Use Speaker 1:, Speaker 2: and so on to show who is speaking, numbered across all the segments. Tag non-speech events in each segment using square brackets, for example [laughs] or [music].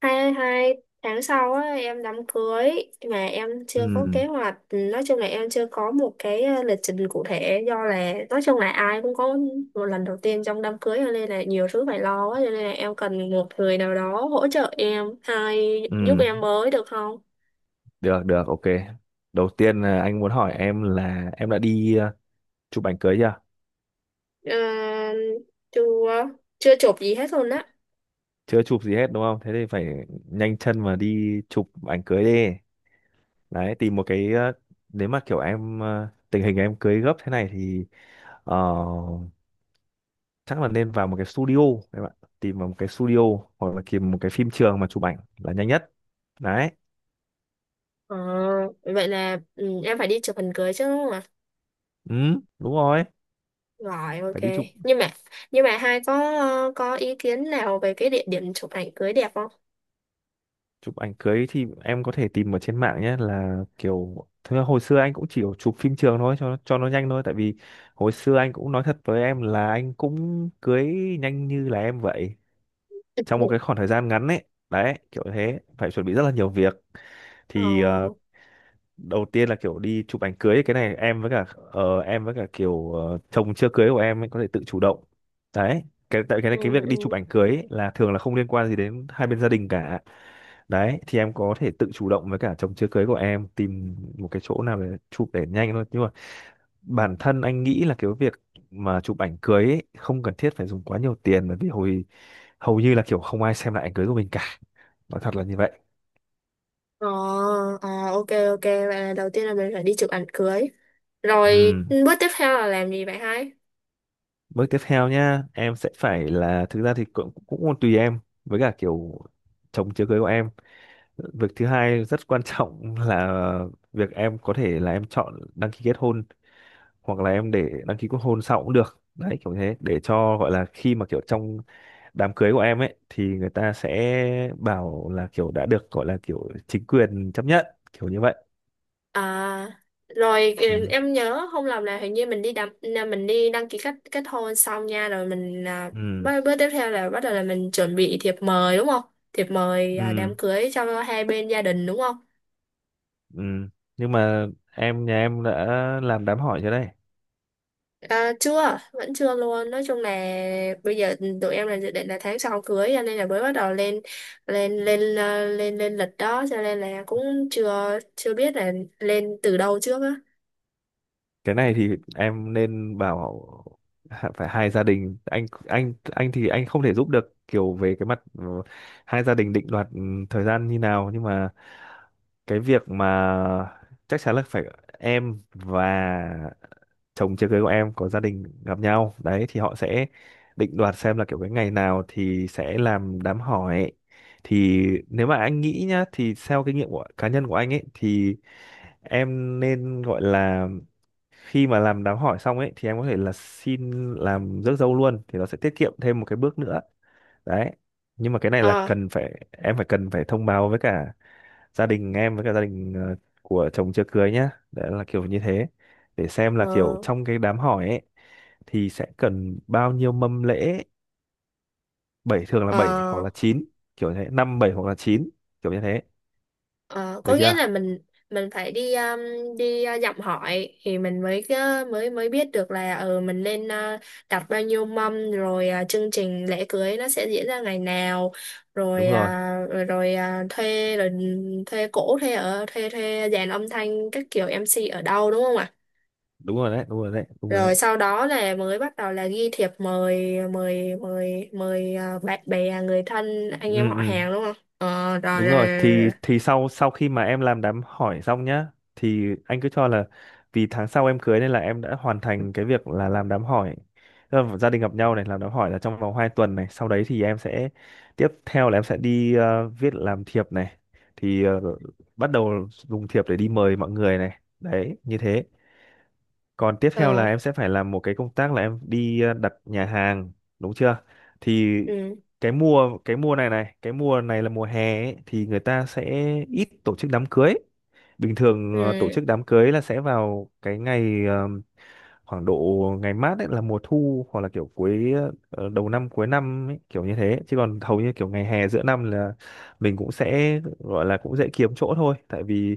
Speaker 1: Hai hai tháng sau á, em đám cưới, mà em
Speaker 2: Ừ,
Speaker 1: chưa có kế hoạch. Nói chung là em chưa có một cái lịch trình cụ thể, do là nói chung là ai cũng có một lần đầu tiên trong đám cưới, cho nên là nhiều thứ phải lo quá, cho nên là em cần một người nào đó hỗ trợ em hay
Speaker 2: ừ,
Speaker 1: giúp em với được không?
Speaker 2: được, được, ok. Đầu tiên là anh muốn hỏi em là em đã đi chụp ảnh cưới chưa?
Speaker 1: Ờ, chưa, chụp gì hết luôn á.
Speaker 2: Chưa chụp gì hết đúng không? Thế thì phải nhanh chân mà đi chụp ảnh cưới đi. Đấy, tìm một cái, nếu mà kiểu em, tình hình em cưới gấp thế này thì ờ, chắc là nên vào một cái studio, các bạn. Tìm vào một cái studio hoặc là tìm một cái phim trường mà chụp ảnh là nhanh nhất. Đấy,
Speaker 1: Ờ, vậy là em phải đi chụp hình cưới chứ đúng không?
Speaker 2: ừ, đúng rồi.
Speaker 1: Rồi, ok.
Speaker 2: Phải đi chụp,
Speaker 1: Nhưng mà nhưng mà hai có có ý kiến nào về cái địa điểm chụp ảnh cưới đẹp không?
Speaker 2: chụp ảnh cưới thì em có thể tìm ở trên mạng nhé, là kiểu thực ra hồi xưa anh cũng chỉ chụp phim trường thôi cho nó nhanh thôi, tại vì hồi xưa anh cũng nói thật với em là anh cũng cưới nhanh như là em vậy, trong một
Speaker 1: [laughs]
Speaker 2: cái khoảng thời gian ngắn ấy. Đấy kiểu thế phải chuẩn bị rất là nhiều việc,
Speaker 1: Ờ.
Speaker 2: thì đầu tiên là kiểu đi chụp ảnh cưới ấy, cái này em với cả em với cả kiểu chồng chưa cưới của em ấy có thể tự chủ động. Đấy, cái tại cái
Speaker 1: Ừ.
Speaker 2: này, cái việc
Speaker 1: Ừ.
Speaker 2: đi chụp ảnh cưới ấy là thường là không liên quan gì đến hai bên gia đình cả. Đấy thì em có thể tự chủ động với cả chồng chưa cưới của em tìm một cái chỗ nào để chụp để nhanh thôi, nhưng mà bản thân anh nghĩ là cái việc mà chụp ảnh cưới ấy, không cần thiết phải dùng quá nhiều tiền, bởi vì hầu như là kiểu không ai xem lại ảnh cưới của mình cả, nói thật là như vậy.
Speaker 1: Ờ. À, ok, ok, vậy là đầu tiên là mình phải đi chụp ảnh cưới.
Speaker 2: Ừ.
Speaker 1: Rồi bước tiếp theo là làm gì vậy hai?
Speaker 2: Bước tiếp theo nhá, em sẽ phải là thực ra thì cũng cũng còn tùy em với cả kiểu chồng chưa cưới của em. Việc thứ hai rất quan [laughs] trọng là việc em có thể là em chọn đăng ký kết hôn hoặc là em để đăng ký kết hôn sau cũng được. Đấy kiểu thế để cho gọi là khi mà kiểu trong đám cưới của em ấy thì người ta sẽ bảo là kiểu đã được gọi là kiểu chính quyền chấp nhận, kiểu như vậy.
Speaker 1: À rồi,
Speaker 2: Ừ.
Speaker 1: em nhớ không lầm là hình như mình đi đăng là mình đi đăng ký kết kết hôn xong nha, rồi mình,
Speaker 2: Ừ.
Speaker 1: bước tiếp theo là bắt đầu là mình chuẩn bị thiệp mời đúng không? Thiệp mời
Speaker 2: Ừ.
Speaker 1: đám cưới cho hai bên gia đình đúng không?
Speaker 2: Ừ. Nhưng mà nhà em đã làm đám hỏi chưa đây?
Speaker 1: À, chưa, vẫn chưa luôn. Nói chung là bây giờ tụi em là dự định là tháng sau cưới, cho nên là mới bắt đầu lên lên lên ờ, lên lên lịch đó, cho nên là cũng chưa chưa biết là lên từ đâu trước á.
Speaker 2: Cái này thì em nên bảo, phải hai gia đình, anh thì anh không thể giúp được kiểu về cái mặt ừ, hai gia đình định đoạt ừ, thời gian như nào, nhưng mà cái việc mà chắc chắn là phải em và chồng chưa cưới của em có gia đình gặp nhau, đấy thì họ sẽ định đoạt xem là kiểu cái ngày nào thì sẽ làm đám hỏi. Thì nếu mà anh nghĩ nhá, thì theo kinh nghiệm của cá nhân của anh ấy thì em nên gọi là khi mà làm đám hỏi xong ấy thì em có thể là xin làm rước dâu luôn thì nó sẽ tiết kiệm thêm một cái bước nữa. Đấy nhưng mà cái này là
Speaker 1: Ờ.
Speaker 2: cần phải em phải cần phải thông báo với cả gia đình em với cả gia đình của chồng chưa cưới nhá, đấy là kiểu như thế, để xem là kiểu
Speaker 1: Ờ.
Speaker 2: trong cái đám hỏi ấy thì sẽ cần bao nhiêu mâm lễ. Bảy, thường là bảy hoặc
Speaker 1: Ờ.
Speaker 2: là chín, kiểu như thế, năm bảy hoặc là chín, kiểu như thế,
Speaker 1: Ờ,
Speaker 2: được
Speaker 1: có nghĩa
Speaker 2: chưa?
Speaker 1: là mình phải đi đi dặm hỏi thì mình mới mới mới biết được là ờ mình nên đặt bao nhiêu mâm, rồi chương trình lễ cưới nó sẽ diễn ra ngày nào, rồi
Speaker 2: Đúng rồi,
Speaker 1: rồi, rồi thuê, rồi ừ, thuê cổ thuê ở thuê thuê dàn âm thanh các kiểu, MC ở đâu, đúng không ạ?
Speaker 2: đúng rồi đấy, đúng rồi đấy, đúng rồi
Speaker 1: Rồi
Speaker 2: đấy.
Speaker 1: sau đó là mới bắt đầu là ghi thiệp mời mời mời mời bạn bè, người thân, anh em
Speaker 2: Ừ,
Speaker 1: họ
Speaker 2: ừ.
Speaker 1: hàng đúng không? Ờ rồi,
Speaker 2: Đúng rồi,
Speaker 1: rồi.
Speaker 2: thì sau sau khi mà em làm đám hỏi xong nhá, thì anh cứ cho là vì tháng sau em cưới nên là em đã hoàn thành cái việc là làm đám hỏi. Tức là gia đình gặp nhau này, làm đám hỏi là trong vòng 2 tuần này, sau đấy thì em sẽ, tiếp theo là em sẽ đi viết làm thiệp này. Thì bắt đầu dùng thiệp để đi mời mọi người này. Đấy, như thế. Còn tiếp theo là
Speaker 1: Ờ.
Speaker 2: em sẽ phải làm một cái công tác là em đi đặt nhà hàng, đúng chưa? Thì
Speaker 1: Ừ.
Speaker 2: cái mùa này này, cái mùa này là mùa hè ấy, thì người ta sẽ ít tổ chức đám cưới. Bình thường tổ
Speaker 1: Ừ.
Speaker 2: chức đám cưới là sẽ vào cái ngày khoảng độ ngày mát ấy là mùa thu hoặc là kiểu cuối, đầu năm cuối năm ấy, kiểu như thế. Chứ còn hầu như kiểu ngày hè giữa năm là mình cũng sẽ gọi là cũng dễ kiếm chỗ thôi, tại vì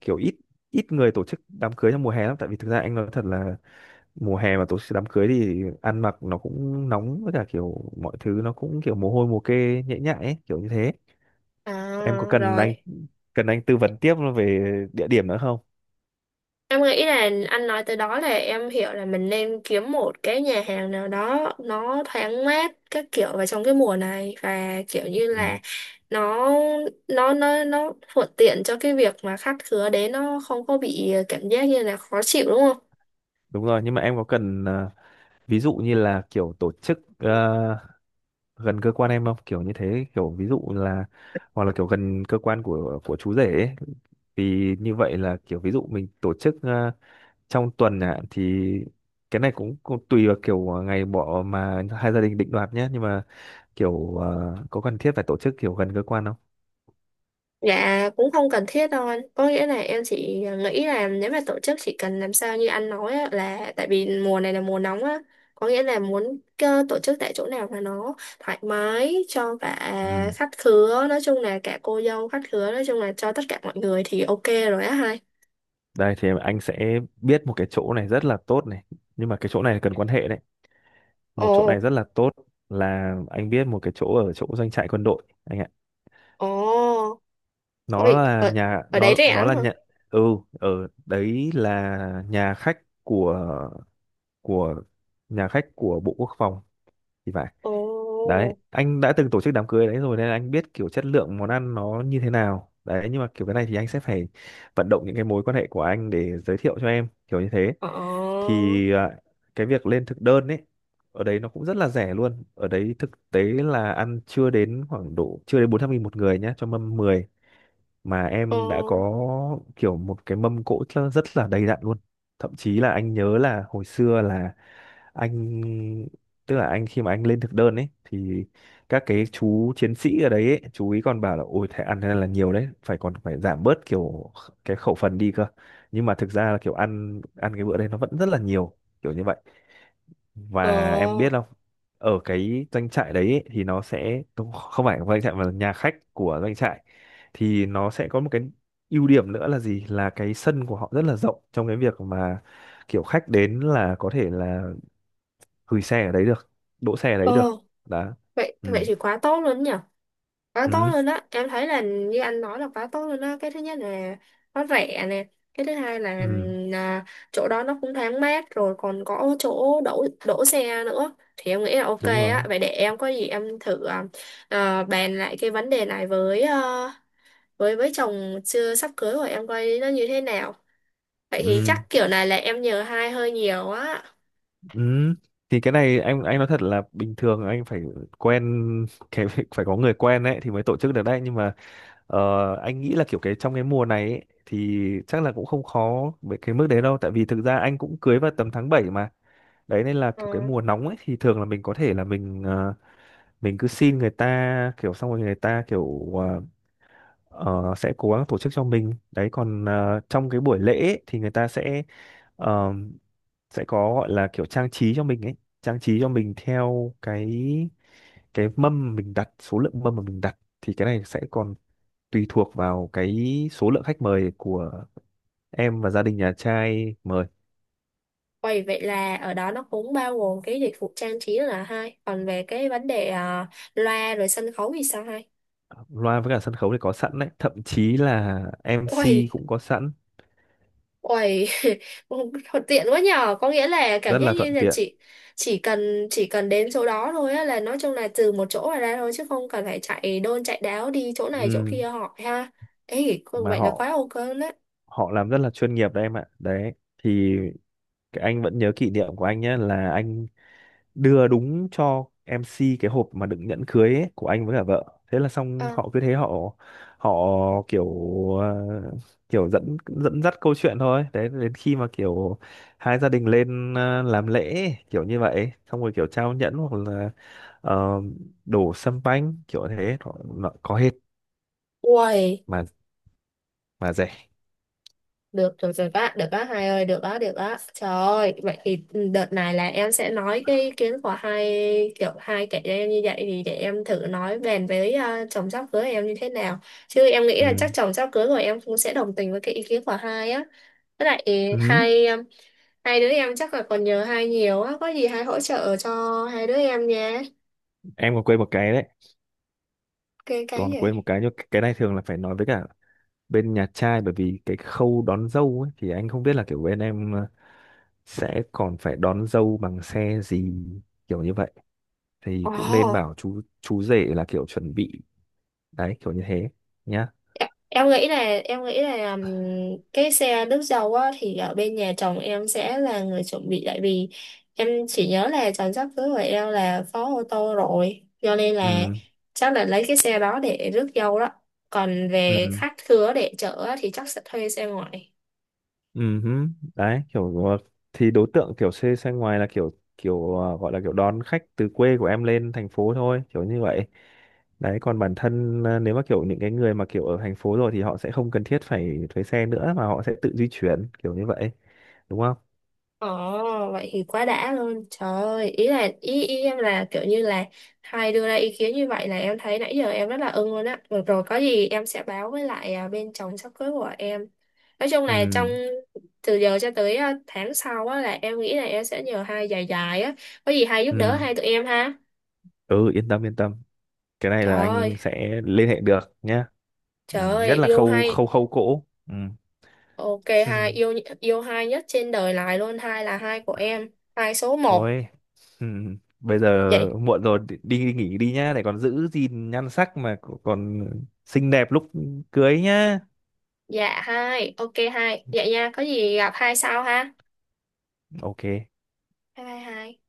Speaker 2: kiểu ít ít người tổ chức đám cưới trong mùa hè lắm, tại vì thực ra anh nói thật là mùa hè mà tổ chức đám cưới thì ăn mặc nó cũng nóng với cả kiểu mọi thứ nó cũng kiểu mồ hôi mồ kê nhễ nhại ấy, kiểu như thế.
Speaker 1: À
Speaker 2: Em có cần anh,
Speaker 1: rồi.
Speaker 2: cần anh tư vấn tiếp về địa điểm nữa không?
Speaker 1: Em nghĩ là anh nói từ đó là em hiểu là mình nên kiếm một cái nhà hàng nào đó nó thoáng mát các kiểu vào trong cái mùa này, và kiểu như
Speaker 2: Ừ,
Speaker 1: là nó, nó thuận tiện cho cái việc mà khách khứa đến nó không có bị cảm giác như là khó chịu đúng không?
Speaker 2: đúng rồi, nhưng mà em có cần ví dụ như là kiểu tổ chức gần cơ quan em không, kiểu như thế, kiểu ví dụ là hoặc là kiểu gần cơ quan của chú rể ấy. Thì như vậy là kiểu ví dụ mình tổ chức trong tuần ạ thì cái này cũng tùy vào kiểu ngày bỏ mà hai gia đình định đoạt nhé, nhưng mà kiểu có cần thiết phải tổ chức kiểu gần cơ quan không?
Speaker 1: Dạ cũng không cần thiết đâu anh. Có nghĩa là em chỉ nghĩ là nếu mà tổ chức chỉ cần làm sao như anh nói á, là tại vì mùa này là mùa nóng á, có nghĩa là muốn tổ chức tại chỗ nào mà nó thoải mái cho cả
Speaker 2: Ừ.
Speaker 1: khách khứa, nói chung là cả cô dâu khách khứa, nói chung là cho tất cả mọi người thì ok rồi á hai.
Speaker 2: Đây thì anh sẽ biết một cái chỗ này rất là tốt này, nhưng mà cái chỗ này cần quan hệ đấy,
Speaker 1: Ồ.
Speaker 2: một chỗ này rất là tốt, là anh biết một cái chỗ ở chỗ doanh trại quân đội anh ạ.
Speaker 1: Ồ.
Speaker 2: nó
Speaker 1: Ôi,
Speaker 2: là
Speaker 1: ở,
Speaker 2: nhà
Speaker 1: ở đấy
Speaker 2: nó
Speaker 1: rẻ
Speaker 2: nó
Speaker 1: lắm
Speaker 2: là
Speaker 1: hả?
Speaker 2: nhà ừ, ở đấy là nhà khách của, nhà khách của Bộ Quốc phòng thì phải.
Speaker 1: Ồ.
Speaker 2: Đấy anh đã từng tổ chức đám cưới đấy rồi nên anh biết kiểu chất lượng món ăn nó như thế nào, đấy nhưng mà kiểu cái này thì anh sẽ phải vận động những cái mối quan hệ của anh để giới thiệu cho em, kiểu như thế.
Speaker 1: Ồ.
Speaker 2: Thì cái việc lên thực đơn ấy, ở đấy nó cũng rất là rẻ luôn, ở đấy thực tế là ăn chưa đến khoảng độ chưa đến 400.000 một người nhá, cho mâm 10 mà
Speaker 1: Ồ.
Speaker 2: em đã có kiểu một cái mâm cỗ rất rất là đầy đặn luôn. Thậm chí là anh nhớ là hồi xưa là anh tức là anh, khi mà anh lên thực đơn ấy thì các cái chú chiến sĩ ở đấy ấy, chú ý còn bảo là ôi thế ăn thế này là nhiều đấy phải còn phải giảm bớt kiểu cái khẩu phần đi cơ, nhưng mà thực ra là kiểu ăn ăn cái bữa đấy nó vẫn rất là nhiều, kiểu như vậy. Và em biết
Speaker 1: Ồ.
Speaker 2: không, ở cái doanh trại đấy ấy, thì nó sẽ không không phải doanh trại mà là nhà khách của doanh trại, thì nó sẽ có một cái ưu điểm nữa là gì, là cái sân của họ rất là rộng, trong cái việc mà kiểu khách đến là có thể là gửi xe ở đấy được, đỗ xe ở
Speaker 1: Ồ,
Speaker 2: đấy được, đó.
Speaker 1: vậy
Speaker 2: Ừ,
Speaker 1: vậy thì quá tốt luôn nhỉ. Quá tốt
Speaker 2: ừ,
Speaker 1: luôn đó, em thấy là như anh nói là quá tốt luôn đó. Cái thứ nhất là nó rẻ nè, cái thứ hai là
Speaker 2: ừ,
Speaker 1: à, chỗ đó nó cũng thoáng mát, rồi còn có chỗ đổ đổ xe nữa, thì em nghĩ là ok
Speaker 2: đúng
Speaker 1: á.
Speaker 2: rồi,
Speaker 1: Vậy để em có gì em thử bàn lại cái vấn đề này với với chồng chưa sắp cưới của em coi nó như thế nào. Vậy thì
Speaker 2: ừ,
Speaker 1: chắc kiểu này là em nhờ hai hơi nhiều á.
Speaker 2: ừ, thì cái này anh nói thật là bình thường anh phải quen, cái [laughs] phải có người quen đấy thì mới tổ chức được đấy, nhưng mà Ờ, anh nghĩ là kiểu cái trong cái mùa này ấy, thì chắc là cũng không khó với cái mức đấy đâu, tại vì thực ra anh cũng cưới vào tầm tháng 7 mà. Đấy nên là kiểu cái mùa nóng ấy thì thường là mình có thể là mình mình cứ xin người ta kiểu xong rồi người ta kiểu sẽ cố gắng tổ chức cho mình. Đấy còn trong cái buổi lễ ấy, thì người ta sẽ ờ, sẽ có gọi là kiểu trang trí cho mình ấy, trang trí cho mình theo cái mâm mình đặt, số lượng mâm mà mình đặt thì cái này sẽ còn tùy thuộc vào cái số lượng khách mời của em và gia đình nhà trai mời.
Speaker 1: Vậy Vậy là ở đó nó cũng bao gồm cái dịch vụ trang trí là hai, còn về cái vấn đề loa rồi sân khấu thì sao hai?
Speaker 2: Loa với cả sân khấu thì có sẵn đấy, thậm chí là em
Speaker 1: Uầy,
Speaker 2: MC cũng có sẵn,
Speaker 1: uầy, [laughs] thuận tiện quá nhờ, có nghĩa là cảm
Speaker 2: rất
Speaker 1: giác
Speaker 2: là
Speaker 1: như
Speaker 2: thuận
Speaker 1: là
Speaker 2: tiện.
Speaker 1: chị chỉ cần đến chỗ đó thôi á, là nói chung là từ một chỗ mà ra thôi, chứ không cần phải chạy đôn chạy đáo đi chỗ này chỗ
Speaker 2: Ừ.
Speaker 1: kia hỏi ha. Ê,
Speaker 2: Mà
Speaker 1: vậy là
Speaker 2: họ,
Speaker 1: quá ok đấy.
Speaker 2: họ làm rất là chuyên nghiệp đấy em ạ. Đấy thì cái anh vẫn nhớ kỷ niệm của anh nhé là anh đưa đúng cho em MC cái hộp mà đựng nhẫn cưới ấy, của anh với cả vợ, thế là xong
Speaker 1: À,
Speaker 2: họ cứ thế họ, họ kiểu ờ, kiểu dẫn dẫn dắt câu chuyện thôi, đấy đến khi mà kiểu hai gia đình lên làm lễ ấy, kiểu như vậy xong rồi kiểu trao nhẫn hoặc là ờ, đổ sâm banh kiểu thế nó có hết,
Speaker 1: uầy.
Speaker 2: mà mà rẻ.
Speaker 1: Được, được rồi bác, được bác hai ơi, được đó, được đó. Trời ơi, vậy thì đợt này là em sẽ nói cái ý kiến của hai kiểu hai kẻ cho em như vậy, thì để em thử nói bàn với chồng sắp cưới em như thế nào. Chứ em nghĩ là
Speaker 2: Ừ.
Speaker 1: chắc chồng sắp cưới của em cũng sẽ đồng tình với cái ý kiến của hai á. Với lại
Speaker 2: Ừ.
Speaker 1: hai em- hai đứa em chắc là còn nhờ hai nhiều á, có gì hai hỗ trợ cho hai đứa em nha.
Speaker 2: Em còn quên một cái đấy,
Speaker 1: Cái
Speaker 2: còn quên
Speaker 1: gì?
Speaker 2: một cái, nhưng cái này thường là phải nói với cả bên nhà trai, bởi vì cái khâu đón dâu ấy, thì anh không biết là kiểu bên em sẽ còn phải đón dâu bằng xe gì, kiểu như vậy, thì cũng nên
Speaker 1: Ồ.
Speaker 2: bảo chú rể là kiểu chuẩn bị, đấy kiểu như thế nhá.
Speaker 1: Em nghĩ là em nghĩ là um, cái xe nước dầu á thì ở bên nhà chồng em sẽ là người chuẩn bị, tại vì em chỉ nhớ là chồng sắp cưới của em là có ô tô rồi, cho nên là
Speaker 2: Ừ,
Speaker 1: chắc là lấy cái xe đó để rước dâu đó. Còn về
Speaker 2: ừ,
Speaker 1: khách khứa để chở á, thì chắc sẽ thuê xe ngoại.
Speaker 2: ừ hứ. Đấy kiểu thì đối tượng kiểu xe xe ngoài là kiểu kiểu ờ, gọi là kiểu đón khách từ quê của em lên thành phố thôi, kiểu như vậy. Đấy còn bản thân nếu mà kiểu những cái người mà kiểu ở thành phố rồi thì họ sẽ không cần thiết phải thuê xe nữa mà họ sẽ tự di chuyển, kiểu như vậy, đúng không?
Speaker 1: Ồ, vậy thì quá đã luôn. Trời ơi, ý em là kiểu như là hai đưa ra ý kiến như vậy là em thấy nãy giờ em rất là ưng luôn á. Được rồi, có gì em sẽ báo với lại bên chồng sắp cưới của em. Nói chung là trong
Speaker 2: Ừ,
Speaker 1: từ giờ cho tới tháng sau á là em nghĩ là em sẽ nhờ hai dài dài á. Có gì hai giúp đỡ
Speaker 2: ừ,
Speaker 1: hai tụi em ha.
Speaker 2: ừ, yên tâm, yên tâm, cái này
Speaker 1: Trời
Speaker 2: là anh
Speaker 1: ơi,
Speaker 2: sẽ liên hệ được nhé. Ừ,
Speaker 1: trời
Speaker 2: nhất
Speaker 1: ơi,
Speaker 2: là
Speaker 1: yêu
Speaker 2: khâu
Speaker 1: hai.
Speaker 2: khâu khâu cỗ. Ừ.
Speaker 1: Ok hai, yêu
Speaker 2: [laughs]
Speaker 1: yêu hai nhất trên đời này luôn, hai là hai của em, hai số một.
Speaker 2: Thôi ừ, bây giờ
Speaker 1: Vậy
Speaker 2: muộn rồi, đi, đi nghỉ đi nhá, để còn giữ gìn nhan sắc mà còn xinh đẹp lúc cưới nhá.
Speaker 1: dạ hai, ok hai, dạ nha, có gì gặp hai sau ha.
Speaker 2: Ok.
Speaker 1: Bye bye hai.